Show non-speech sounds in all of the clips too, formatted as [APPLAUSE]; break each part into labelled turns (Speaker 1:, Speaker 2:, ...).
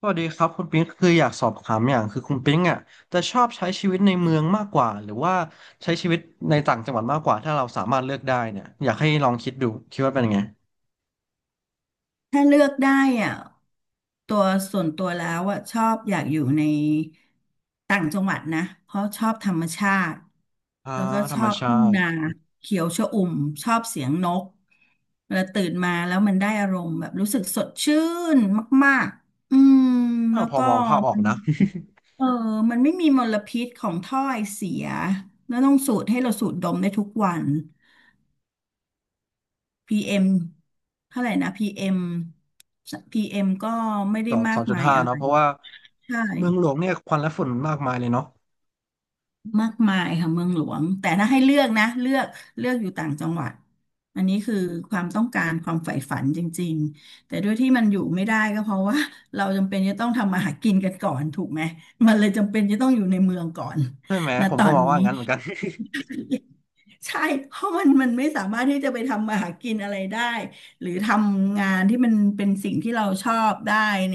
Speaker 1: สวัสดีครับคุณปิ๊งคืออยากสอบถามอย่างคือคุณปิ๊งอ่ะจะชอบใช้ชีวิตในเมืองมากกว่าหรือว่าใช้ชีวิตในต่างจังหวัดมากกว่าถ้าเราสามารถเลือกได้เนี่ยอยากให้ลองคิดดูคิดว่าเป็นยังไง
Speaker 2: ถ้าเลือกได้อ่ะตัวส่วนตัวแล้วชอบอยากอยู่ในต่างจังหวัดนะเพราะชอบธรรมชาติ
Speaker 1: อ่า
Speaker 2: แล้วก็
Speaker 1: ธ
Speaker 2: ช
Speaker 1: รร
Speaker 2: อ
Speaker 1: ม
Speaker 2: บ
Speaker 1: ชา
Speaker 2: ทุ่ง
Speaker 1: ติ
Speaker 2: นาเขียวชอุ่มชอบเสียงนกเวลาตื่นมาแล้วมันได้อารมณ์แบบรู้สึกสดชื่นมากๆอืม
Speaker 1: อ้าว
Speaker 2: แล้ว
Speaker 1: พอ
Speaker 2: ก็
Speaker 1: มองภาพออ
Speaker 2: มั
Speaker 1: ก
Speaker 2: น
Speaker 1: นะ
Speaker 2: เออมันไม่มีมลพิษของถ้อยเสียแล้วต้องสูดให้เราสูดดมได้ทุกวัน PM เอ็มเท่าไหร่นะ PM PM ก็ไม่
Speaker 1: [LAUGHS] จ
Speaker 2: ได้
Speaker 1: อด
Speaker 2: มา
Speaker 1: สอ
Speaker 2: ก
Speaker 1: งจุด
Speaker 2: มาย
Speaker 1: ห้า
Speaker 2: อะไร
Speaker 1: เนาะเพราะว่า
Speaker 2: ใช่
Speaker 1: เมืองหลวงเนี่ยควันและฝุ่นมากมายเลยเนาะ
Speaker 2: มากมายค่ะเมืองหลวงแต่ถ้าให้เลือกนะเลือกเลือกอยู่ต่างจังหวัดอันนี้คือความต้องการความใฝ่ฝันจริงๆแต่ด้วยที่มันอยู่ไม่ได้ก็เพราะว่า [LAUGHS] เราจำเป็นจะต้องทำมาหากินกันก่อนถูกไหมมันเลยจำเป็นจะต้องอยู่ในเมืองก่อน
Speaker 1: ใช่ไหม
Speaker 2: นะ
Speaker 1: ผม
Speaker 2: ตอ
Speaker 1: ก็ม
Speaker 2: น
Speaker 1: อง
Speaker 2: นี้
Speaker 1: ว่างั้นเหมือนกัน [LAUGHS]
Speaker 2: ใช่เพราะมันไม่สามารถที่จะไปทำมาหากินอะไรได้หรือทำงานที่มันเป็นสิ่งที่เราชอบได้ใน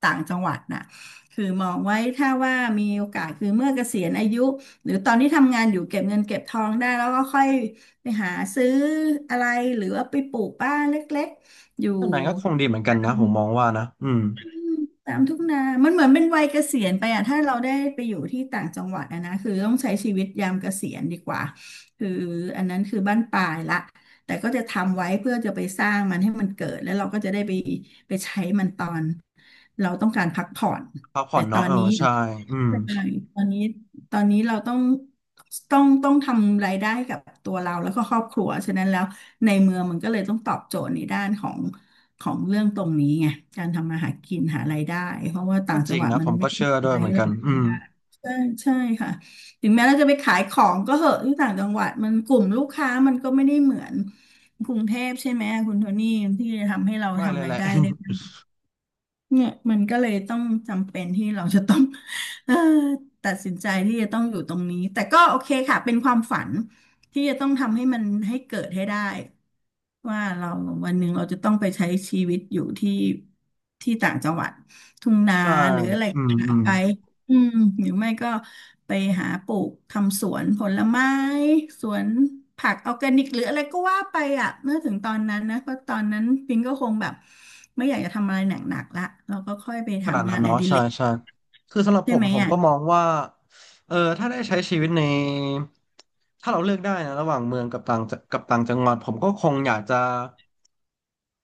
Speaker 2: ต่างจังหวัดน่ะคือมองไว้ถ้าว่ามีโอกาสคือเมื่อเกษียณอายุหรือตอนที่ทำงานอยู่เก็บเงินเก็บทองได้แล้วก็ค่อยไปหาซื้ออะไรหรือว่าไปปลูกบ้านเล็กๆอยู่
Speaker 1: ท่านไหนก็คงดีเหมือนกันนะผมมองว่านะอืม
Speaker 2: ตามทุ่งนา มันเหมือนเป็นวัยเกษียณไปอะถ้าเราได้ไปอยู่ที่ต่างจังหวัดอะนะ คือต้องใช้ชีวิตยามเกษียณดีกว่าคืออันนั้นคือบ้านปลายละแต่ก็จะทำไว้เพื่อจะไปสร้างมันให้มันเกิด แล้วเราก็จะได้ไปใช้มันตอนเราต้องการพักผ่อน
Speaker 1: พักผ่อ
Speaker 2: แต่
Speaker 1: น
Speaker 2: ตอ
Speaker 1: เนาะ
Speaker 2: น
Speaker 1: เออ
Speaker 2: นี้
Speaker 1: ใช่อืม
Speaker 2: ใช่ตอนนี้ตอนนี้เราต้องต้องทำรายได้กับตัวเราแล้วก็ครอบครัวฉะนั้นแล้วในเมืองมันก็เลยต้องตอบโจทย์ในด้านของเรื่องตรงนี้ไงการทำมาหากินหารายได้เพราะว่าต่า
Speaker 1: ก็
Speaker 2: ง
Speaker 1: จ
Speaker 2: จั
Speaker 1: ริ
Speaker 2: ง
Speaker 1: ง
Speaker 2: หวัด
Speaker 1: นะ
Speaker 2: มั
Speaker 1: ผ
Speaker 2: น
Speaker 1: ม
Speaker 2: ไม่
Speaker 1: ก็
Speaker 2: ได้
Speaker 1: เชื่อ
Speaker 2: มี
Speaker 1: ด้
Speaker 2: อะ
Speaker 1: วย
Speaker 2: ไร
Speaker 1: เหมื
Speaker 2: ให้
Speaker 1: อนกัน
Speaker 2: เรา
Speaker 1: อื
Speaker 2: ทำ
Speaker 1: ม
Speaker 2: ได้ใช่ใช่ค่ะถึงแม้เราจะไปขายของก็เหอะที่ต่างจังหวัดมันกลุ่มลูกค้ามันก็ไม่ได้เหมือนกรุงเทพใช่ไหมคุณโทนี่ที่จะทำให้เรา
Speaker 1: ไม่เลย
Speaker 2: ทำรา
Speaker 1: แห
Speaker 2: ย
Speaker 1: ละ
Speaker 2: ได้ได้
Speaker 1: [LAUGHS]
Speaker 2: เนี่ยมันก็เลยต้องจำเป็นที่เราจะต้อง [LAUGHS] เอ่อตัดสินใจที่จะต้องอยู่ตรงนี้แต่ก็โอเคค่ะเป็นความฝันที่จะต้องทำให้มันให้เกิดให้ได้ ว่าเราวันหนึ่งเราจะต้องไปใช้ชีวิตอยู่ที่ต่างจังหวัดทุ่งนา
Speaker 1: ใช่
Speaker 2: หรืออะไร
Speaker 1: อืม
Speaker 2: หา
Speaker 1: อืม
Speaker 2: ไปอืมหรือไม่ก็ไปหาปลูกทำสวนผลไม้สวนผักออร์แกนิกหรืออะไรก็ว่าไปอ่ะเมื่อถึงตอนนั้นนะเพราะตอนนั้นปิงก็คงแบบไม่อยากจะทำอะไรหนักๆละเราก็ค่อยไป
Speaker 1: ขนาด
Speaker 2: ทำ
Speaker 1: นั้
Speaker 2: งา
Speaker 1: น
Speaker 2: นอ
Speaker 1: เนาะ
Speaker 2: ดิ
Speaker 1: ใช่
Speaker 2: เรก
Speaker 1: ใช่คือสำหรับ
Speaker 2: ใช่
Speaker 1: ผม
Speaker 2: ไหม
Speaker 1: ผม
Speaker 2: อ่ะ
Speaker 1: ก็มองว่า เออ ถ้าได้ใช้ชีวิตในถ้าเราเลือกได้นะ ระหว่างเมืองกับต่างจังหวัดผมก็คงอยากจะ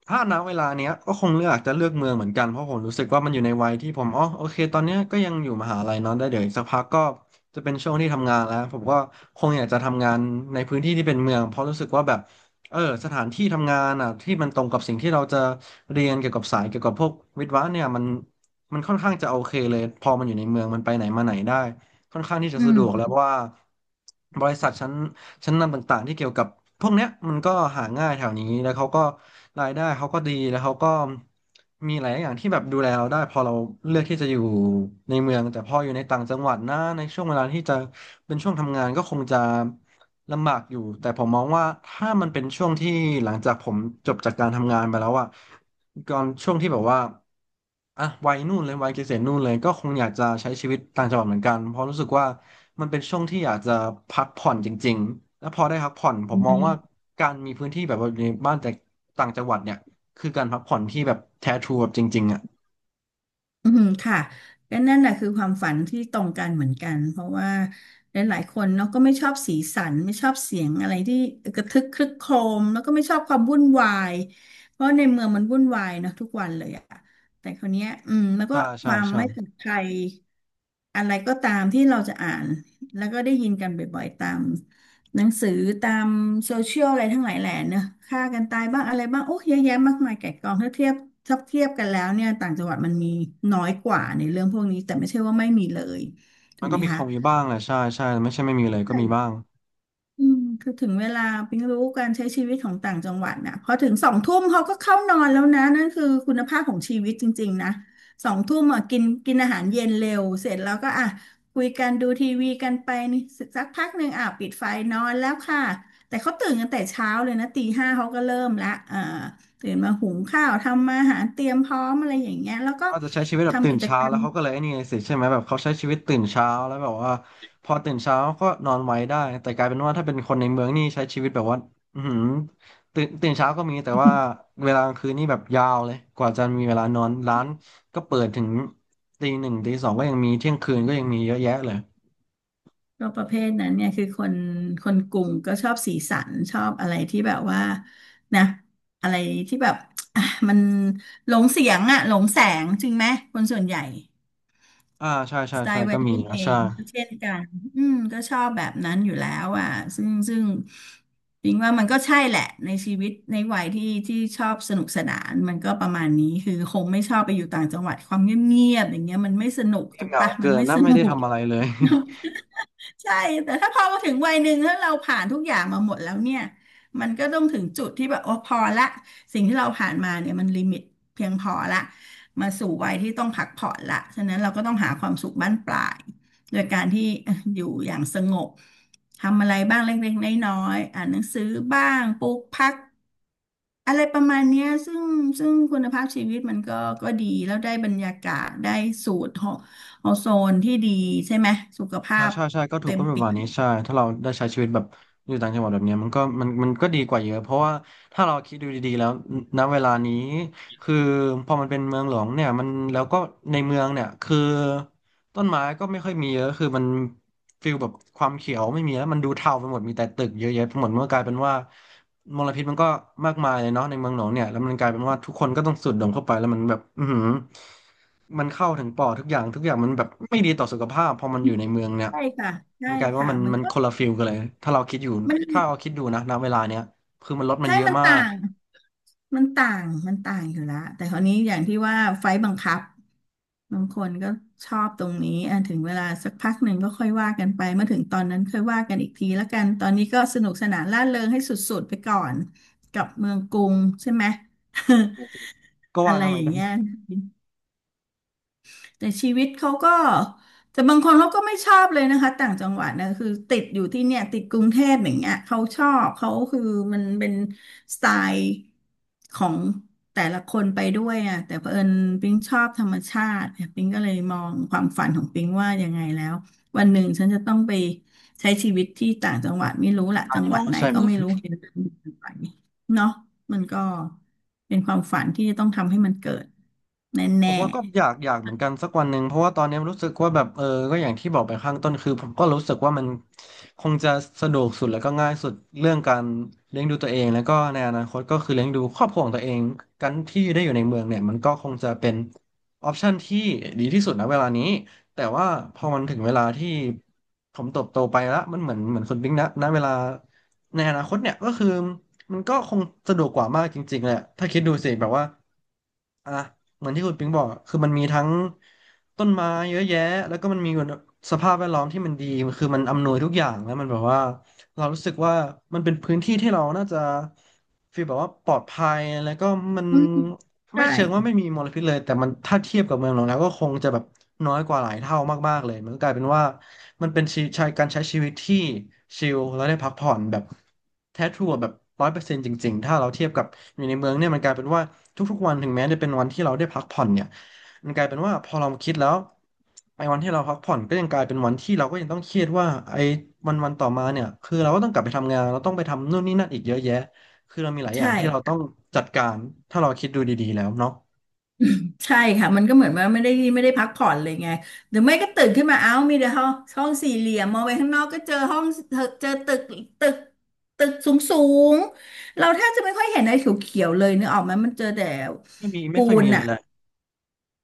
Speaker 1: ถ้าณเวลาเนี้ยก็คงเลือกเมืองเหมือนกันเพราะผมรู้สึกว่ามันอยู่ในวัยที่ผมอ๋อโอเคตอนเนี้ยก็ยังอยู่มหาลัยเนอะได้เดี๋ยวอีกสักพักก็จะเป็นช่วงที่ทำงานแล้วผมก็คงอยากจะทำงานในพื้นที่ที่เป็นเมืองเพราะรู้สึกว่าแบบเออสถานที่ทำงานอ่ะที่มันตรงกับสิ่งที่เราจะเรียนเกี่ยวกับสายเกี่ยวกับพวกวิศวะเนี่ยมันค่อนข้างจะโอเคเลยพอมันอยู่ในเมืองมันไปไหนมาไหนได้ค่อนข้างที่จะ
Speaker 2: อื
Speaker 1: สะดวกแล้ว
Speaker 2: ม
Speaker 1: เพราะว่าบริษัทชั้นนำต่างๆที่เกี่ยวกับพวกเนี้ยมันก็หาง่ายแถวนี้แล้วเขาก็รายได้เขาก็ดีแล้วเขาก็มีหลายอย่างที่แบบดูแลเราได้พอเราเลือกที่จะอยู่ในเมืองแต่พออยู่ในต่างจังหวัดนะในช่วงเวลาที่จะเป็นช่วงทำงานก็คงจะ ลำบากอยู่แต่ผมมองว่าถ้ามันเป็นช่วงที่หลังจากผมจบจากการทำงานไปแล้วอะก่อนช่วงที่แบบว่าอ่ะวัยนู่นเลยวัยเกษียณนู่นเลยก็คงอยากจะใช้ชีวิตต่างจังหวัดเหมือนกันเพราะรู้สึกว่ามันเป็นช่วงที่อยากจะพักผ่อนจริงๆแล้วพอได้พักผ่อนผมมองว่าการมีพื้นที่แบบว่าอยู่ในบ้านแต่ต่างจังหวัดเนี่ยคือการพักผ่อนที่แบบแท้ทรูแบบจริงๆอะ
Speaker 2: อืมค่ะก็นั่นแหละคือความฝันที่ตรงกันเหมือนกันเพราะว่าหลายๆคนเนาะก็ไม่ชอบสีสันไม่ชอบเสียงอะไรที่กระทึกครึกโครมแล้วก็ไม่ชอบความวุ่นวายเพราะในเมืองมันวุ่นวายเนาะทุกวันเลยอะแต่คราวเนี้ยอืมแล้วก็
Speaker 1: ใช่
Speaker 2: ค
Speaker 1: ใช่
Speaker 2: วาม
Speaker 1: ใช่
Speaker 2: ไม่ปลอดภัยอะไรก็ตามที่เราจะอ่านแล้วก็ได้ยินกันบ่อยๆตาม หนังสือตามโซเชียลอะไรทั้งหลายแหล่เนอะฆ่ากันตายบ้างอะไรบ้างโอ้เยอะแยะมากมายไก่กองถ้าเทียบกันแล้วเนี่ยต่างจังหวัดมันมีน้อยกว่าในเรื่องพวกนี้แต่ไม่ใช่ว่าไม่มีเลยถู
Speaker 1: มัน
Speaker 2: ก
Speaker 1: ก็
Speaker 2: ไหม
Speaker 1: มีค
Speaker 2: คะ
Speaker 1: งมีบ้างแหละใช่ใช่ไม่ใช่ไม่มีเลยก็มีบ้า
Speaker 2: ใช่
Speaker 1: ง
Speaker 2: อืมคือถึงเวลาปิ๊งรู้การใช้ชีวิตของต่างจังหวัดนะพอถึงสองทุ่มเขาก็เข้านอนแล้วนะนั่นคือคุณภาพของชีวิตจริงๆนะสองทุ่มอ่ะกินกินอาหารเย็นเร็วเสร็จแล้วก็อ่ะคุยกันดูทีวีกันไปนี่สักพักหนึ่งอ่ะปิดไฟนอนแล้วค่ะแต่เขาตื่นกันแต่เช้าเลยนะตีห้าเขาก็เริ่มละตื่นมาหุงข้าวทำอาหารเตรียมพร้อมอะไรอย่างเงี้ยแล้วก็
Speaker 1: ก็จะใช้ชีวิตแบบตื่
Speaker 2: ทำ
Speaker 1: น
Speaker 2: กิจ
Speaker 1: เช้า
Speaker 2: กร
Speaker 1: แล้
Speaker 2: ร
Speaker 1: ว
Speaker 2: ม
Speaker 1: เขาก็เลยไอ้นี่ไงสิใช่ไหมแบบเขาใช้ชีวิตตื่นเช้าแล้วแบบว่าพอตื่นเช้าก็นอนไวได้แต่กลายเป็นว่าถ้าเป็นคนในเมืองนี่ใช้ชีวิตแบบว่าอือหือตื่นเช้าก็มีแต่ว่าเวลากลางคืนนี่แบบยาวเลยกว่าจะมีเวลานอนร้านก็เปิดถึงตีหนึ่งตีสองก็ยังมีเที่ยงคืนก็ยังมีเยอะแยะเลย
Speaker 2: ก็ประเภทนั้นเนี่ยคือคนคนกลุ่มก็ชอบสีสันชอบอะไรที่แบบว่านะอะไรที่แบบอ่ะมันหลงเสียงอะหลงแสงจริงไหมคนส่วนใหญ่
Speaker 1: อ่าใช่ใช่
Speaker 2: สไต
Speaker 1: ใช่
Speaker 2: ล์วั
Speaker 1: ก็
Speaker 2: ย
Speaker 1: มี
Speaker 2: รุ่น
Speaker 1: นะ
Speaker 2: เอ
Speaker 1: ใช่
Speaker 2: งก็เช่นกันอืมก็ชอบแบบนั้นอยู่แล้วอ่ะซึ่งจริงว่ามันก็ใช่แหละในชีวิตในวัยที่ที่ชอบสนุกสนานมันก็ประมาณนี้คือคงไม่ชอบไปอยู่ต่างจังหวัดความเงียบๆอย่างเงี้ยมันไม่สนุก
Speaker 1: เงียบ
Speaker 2: ถูก
Speaker 1: เหงา
Speaker 2: ปะ
Speaker 1: เกิ
Speaker 2: มัน
Speaker 1: น
Speaker 2: ไม่
Speaker 1: นะ
Speaker 2: ส
Speaker 1: ไม่
Speaker 2: นุ
Speaker 1: ได้
Speaker 2: ก
Speaker 1: ทำอะไรเลย
Speaker 2: ใช่แต่ถ้าพอมาถึงวัยหนึ่งแล้วเราผ่านทุกอย่างมาหมดแล้วเนี่ยมันก็ต้องถึงจุดที่แบบโอ้พอละสิ่งที่เราผ่านมาเนี่ยมันลิมิตเพียงพอละมาสู่วัยที่ต้องพักผ่อนละฉะนั้นเราก็ต้องหาความสุขบั้นปลายโดยการที่ [LAUGHS] ออยู่อย่างสงบทำอะไรบ้างเล็กๆน้อยๆอ่านหนังสือบ้างปลูกผัก อะไรประมาณเนี้ยซึ่งคุณภาพชีวิตมันก็ดีแล้วได้บรรยากาศได้สูตรของอโซนที่ดีใช่ไหมสุขภา
Speaker 1: อ่า
Speaker 2: พ
Speaker 1: ใช่ใช่ก็ถู
Speaker 2: เต็
Speaker 1: ก
Speaker 2: ม
Speaker 1: ก็ประ
Speaker 2: เปี่
Speaker 1: มาณ
Speaker 2: ยม
Speaker 1: นี้ใช่ถ้าเราได้ใช้ชีวิตแบบอยู่ต่างจังหวัดแบบเนี้ยมันก็มันก็ดีกว่าเยอะเพราะว่าถ้าเราคิดดูดีๆแล้วณเวลานี้คือพอมันเป็นเมืองหลวงเนี่ยมันแล้วก็ในเมืองเนี่ยคือต้นไม้ก็ไม่ค่อยมีเยอะคือมันฟิลแบบความเขียวไม่มีแล้วมันดูเทาไปหมดมีแต่ตึกเยอะแยะไปหมดมันก็กลายเป็นว่ามลพิษมันก็มากมายเลยเนาะในเมืองหลวงเนี่ยแล้วมันกลายเป็นว่าทุกคนก็ต้องสูดดมเข้าไปแล้วมันแบบอือหือ มันเข้าถึงปอดทุกอย่างทุกอย่างมันแบบไม่ดีต่อสุขภาพพอมันอยู่ในเมืองเนี่ย
Speaker 2: ใช่ค่ะใช่
Speaker 1: มันกลายเป็นว่า
Speaker 2: ค่ะ
Speaker 1: มัน
Speaker 2: มัน
Speaker 1: มัน
Speaker 2: ก็
Speaker 1: คนละฟิลกันเลยถ้าเราคิดอยู่
Speaker 2: มัน
Speaker 1: ถ้าเราคิดดูนะณเวลาเนี้ยคือมันลดมัน
Speaker 2: ใช่
Speaker 1: เยอะ
Speaker 2: มัน
Speaker 1: มา
Speaker 2: ต่า
Speaker 1: ก
Speaker 2: ง มันต่าง มันต่างอยู่และแต่คราวนี้อย่างที่ว่าไฟล์บังคับบางคนก็ชอบตรงนี้อ่ะถึงเวลาสักพักหนึ่งก็ค่อยว่ากันไป เมื่อถึงตอนนั้นค่อยว่ากันอีกทีแล้วกัน ตอนนี้ก็สนุกสนานร่าเริงให้สุดๆไปก่อนกับเมืองกรุงใช่ไหม
Speaker 1: ก็
Speaker 2: [LAUGHS] อะ
Speaker 1: ว่า
Speaker 2: ไร
Speaker 1: งั้นเห
Speaker 2: อ
Speaker 1: มือน
Speaker 2: ย่าง
Speaker 1: กัน
Speaker 2: เงี้ย แต่ชีวิตเขาก็แต่บางคนเขาก็ไม่ชอบเลยนะคะต่างจังหวัดนะคือติดอยู่ที่เนี่ยติดกรุงเทพอย่างเงี้ยเขาชอบเขาคือมันเป็นสไตล์ของแต่ละคนไปด้วยอ่ะแต่เผอิญปิงชอบธรรมชาติเนี่ยปิงก็เลยมองความฝันของปิงว่ายังไงแล้ววันหนึ่งฉันจะต้องไปใช้ชีวิตที่ต่างจังหวัดไม่รู้ละ
Speaker 1: ใช่
Speaker 2: จังหวั
Speaker 1: เนาะ
Speaker 2: ดไหน
Speaker 1: ใช่ไห
Speaker 2: ก็
Speaker 1: ม
Speaker 2: ไม่รู้เห็นแล้วมันไปเนาะมันก็เป็นความฝันที่จะต้องทำให้มันเกิดแ
Speaker 1: ผ
Speaker 2: น่
Speaker 1: มว่าก็อยาก
Speaker 2: ๆ
Speaker 1: อยากเหมือนกันสักวันหนึ่งเพราะว่าตอนนี้รู้สึกว่าแบบก็อย่างที่บอกไปข้างต้นคือผมก็รู้สึกว่ามันคงจะสะดวกสุดแล้วก็ง่ายสุดเรื่องการเลี้ยงดูตัวเองแล้วก็ในอนาคตก็คือเลี้ยงดูครอบครัวของตัวเองกันที่ได้อยู่ในเมืองเนี่ยมันก็คงจะเป็นออปชันที่ดีที่สุดนะเวลานี้แต่ว่าพอมันถึงเวลาที่ผมเติบโตไปแล้วมันเหมือนคุณบิ๊กนะณเวลาในอนาคตเนี่ยก็คือมันก็คงสะดวกกว่ามากจริงๆแหละถ้าคิดดูสิแบบว่าอ่ะ เหมือนที่คุณปิงบอกอะคือมันมีทั้งต้นไม้เยอะแยะแล้วก็มันมีสภาพแวดล้อมที่มันดีคือมันอำนวยทุกอย่างแล้วมันแบบว่าเรารู้สึกว่ามันเป็นพื้นที่ที่เราน่าจะฟีลแบบว่าปลอดภัยแล้วก็มัน
Speaker 2: อืม
Speaker 1: ไม่
Speaker 2: ใช่
Speaker 1: เชิงว่าไม่มีมลพิษเลยแต่มันถ้าเทียบกับเมืองหลวงแล้วก็คงจะแบบน้อยกว่าหลายเท่ามากๆเลยมันก็กลายเป็นว่า มันเป็นชีใช้การใช้ชีวิตที่ชิลแล้วได้พักผ่อนแบบแท้ทรูอะแบบ100%จริงๆถ้าเราเทียบกับอยู่ในเมืองเนี่ยมันกลายเป็นว่าทุกๆวันถึงแม้จะเป็นวันที่เราได้พักผ่อนเนี่ยมันกลายเป็นว่าพอเราคิดแล้วไอ้วันที่เราพักผ่อนก็ยังกลายเป็นวันที่เราก็ยังต้องเครียดว่าไอ้วันต่อมาเนี่ยคือเราก็ต้องกลับไปทำงานเราต้องไปทำนู่นนี่นั่นอีกเยอะแยะคือเรามีหลายอย่าง
Speaker 2: ใช่
Speaker 1: ที่เราต้องจัดการถ้าเราคิดดูดีๆแล้วเนาะ
Speaker 2: ใช่ค่ะมันก็เหมือนว่าไม่ได้พักผ่อนเลยไงหรือไม่ก็ตื่นขึ้นมาเอ้ามีแต่ห้องห้องสี่เหลี่ยมมองไปข้างนอกก็เจอห้องเจอตึกตึกสูงสูงเราแทบจะไม่ค่อยเห็นอะไรเขียวๆเลยนึกออกไหมมันเจอแต่
Speaker 1: ไม่
Speaker 2: ปู
Speaker 1: ค่อยมี
Speaker 2: น
Speaker 1: เล
Speaker 2: อ่ะ
Speaker 1: ยแหละ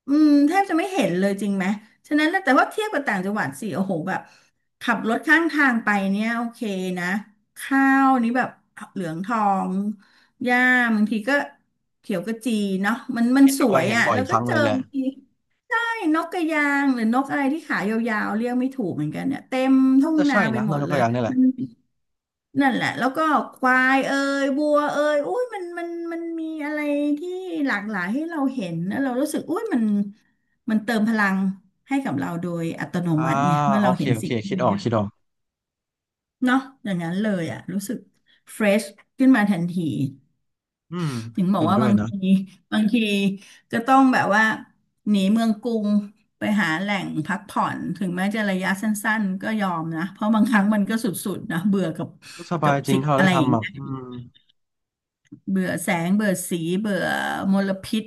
Speaker 2: อืมแทบจะไม่เห็นเลยจริงไหมฉะนั้นแล้วแต่ว่าเทียบกับต่างจังหวัดสิโอ้โหแบบขับรถข้างทางไปเนี่ยโอเคนะข้าวนี้แบบเหลืองทองหญ้าบางทีก็เขียวกระจีเนาะมัน
Speaker 1: เห็น
Speaker 2: ส
Speaker 1: ด้ว
Speaker 2: ว
Speaker 1: ย
Speaker 2: ย
Speaker 1: เห็น
Speaker 2: อ่ะ
Speaker 1: บ่อย
Speaker 2: แล้ว
Speaker 1: ค
Speaker 2: ก็
Speaker 1: รั้ง
Speaker 2: เจ
Speaker 1: เล
Speaker 2: อ
Speaker 1: ยแหละ
Speaker 2: บางทีใช่นกกระยางหรือนกอะไรที่ขายาวๆเรียกไม่ถูกเหมือนกันเนี่ยเต็ม
Speaker 1: น่า
Speaker 2: ทุ่ง
Speaker 1: จะ
Speaker 2: นา
Speaker 1: ใช่
Speaker 2: ไป
Speaker 1: นะ
Speaker 2: หม
Speaker 1: นา
Speaker 2: ด
Speaker 1: ยก
Speaker 2: เล
Speaker 1: ตัว
Speaker 2: ย
Speaker 1: อย่างนี่แหละ
Speaker 2: นั่นแหละแล้วก็ควายเอ่ยวัวเอ่ยอุ้ยมันมีอะไรที่หลากหลายให้เราเห็นแล้วเรารู้สึกอุ้ยมันเติมพลังให้กับเราโดยอัตโน
Speaker 1: อ่า
Speaker 2: มัติไงเมื่อ
Speaker 1: โอ
Speaker 2: เรา
Speaker 1: เค
Speaker 2: เห็น
Speaker 1: โอเค
Speaker 2: สิ่ง
Speaker 1: คิด
Speaker 2: นี้
Speaker 1: ออกคิดออก
Speaker 2: เนาะอย่างนั้นเลยอ่ะรู้สึกเฟรชขึ้นมาทันที
Speaker 1: อืม
Speaker 2: ถึงบอ
Speaker 1: เห็
Speaker 2: ก
Speaker 1: น
Speaker 2: ว่า
Speaker 1: ด้ว
Speaker 2: บา
Speaker 1: ย
Speaker 2: ง
Speaker 1: นะ
Speaker 2: ทีบางทีก็ต้องแบบว่าหนีเมืองกรุงไปหาแหล่งพักผ่อนถึงแม้จะระยะสั้นๆก็ยอมนะเพราะบางครั้งมันก็สุดๆนะเบื่อกับ
Speaker 1: ก็สบา
Speaker 2: กับ
Speaker 1: ยจริง
Speaker 2: สิ่ง
Speaker 1: ถ้าเรา
Speaker 2: อะ
Speaker 1: ได้
Speaker 2: ไรอย่าง
Speaker 1: ทำอ่ะ
Speaker 2: เงี้ย
Speaker 1: อืม
Speaker 2: เบื่อแสงเบื่อสีเบื่อมลพิษ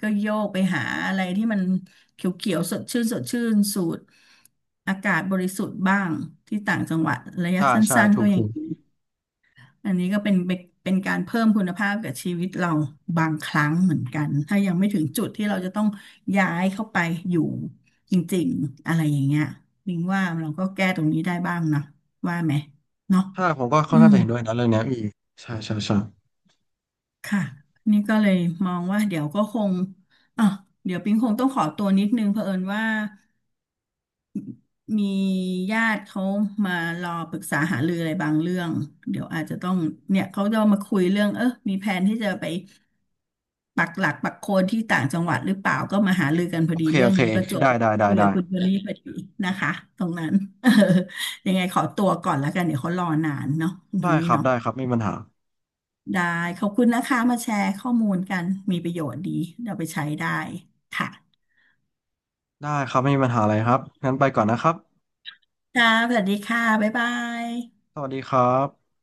Speaker 2: ก็โยกไปหาอะไรที่มันเขียวๆสดชื่นสดชื่นสูดอากาศบริสุทธิ์บ้างที่ต่างจังหวัดระยะ
Speaker 1: ใช่
Speaker 2: สั
Speaker 1: ใช่
Speaker 2: ้นๆ
Speaker 1: ถู
Speaker 2: ก็
Speaker 1: ก
Speaker 2: ยั
Speaker 1: ถู
Speaker 2: ง
Speaker 1: ก
Speaker 2: ดีอันนี้ก็เป็นการเพิ่มคุณภาพกับชีวิตเราบางครั้งเหมือนกันถ้ายังไม่ถึงจุดที่เราจะต้องย้ายเข้าไปอยู่จริงๆอะไรอย่างเงี้ยลิงว่าเราก็แก้ตรงนี้ได้บ้างนะว่าไหมเนาะ
Speaker 1: ถ้าผมก็ค่อ
Speaker 2: อื
Speaker 1: นข้าง
Speaker 2: ม
Speaker 1: จะเห็นด้วยนะเรื่องเนี้ยอืมใช่ใช่ใช่
Speaker 2: ค่ะนี่ก็เลยมองว่าเดี๋ยวก็คงอ่ะเดี๋ยวปิงคงต้องขอตัวนิดนึงเผอิญว่ามีญาติเขามารอปรึกษาหารืออะไรบางเรื่องเดี๋ยวอาจจะต้องเนี่ยเขาจะมาคุยเรื่องเออมีแผนที่จะไปปักหลักปักโคนที่ต่างจังหวัดหรือเปล่าก็มาหารือกันพอ
Speaker 1: โอ
Speaker 2: ดี
Speaker 1: เค
Speaker 2: เรื่
Speaker 1: โอ
Speaker 2: อง
Speaker 1: เค
Speaker 2: นี้ประจวบ
Speaker 1: ได้
Speaker 2: กับ
Speaker 1: ได้ได้
Speaker 2: คุย
Speaker 1: ได้
Speaker 2: กับคุณเบลลี่พอดีนะคะตรงนั้น [LAUGHS] ยังไงขอตัวก่อนแล้วกันเดี๋ยวเขารอนานเนาะคุณโท
Speaker 1: ได้
Speaker 2: นี่
Speaker 1: ครับ
Speaker 2: เนาะ
Speaker 1: ได้ครับไม่มีปัญหา
Speaker 2: ได้ขอบคุณนะคะมาแชร์ข้อมูลกันมีประโยชน์ดีเราไปใช้ได้ค่ะ
Speaker 1: ได้ครับไม่มีปัญหาอะไรครับงั้นไปก่อนนะครับ
Speaker 2: ค่ะสวัสดีค่ะบ๊ายบาย
Speaker 1: สวัสดีครับ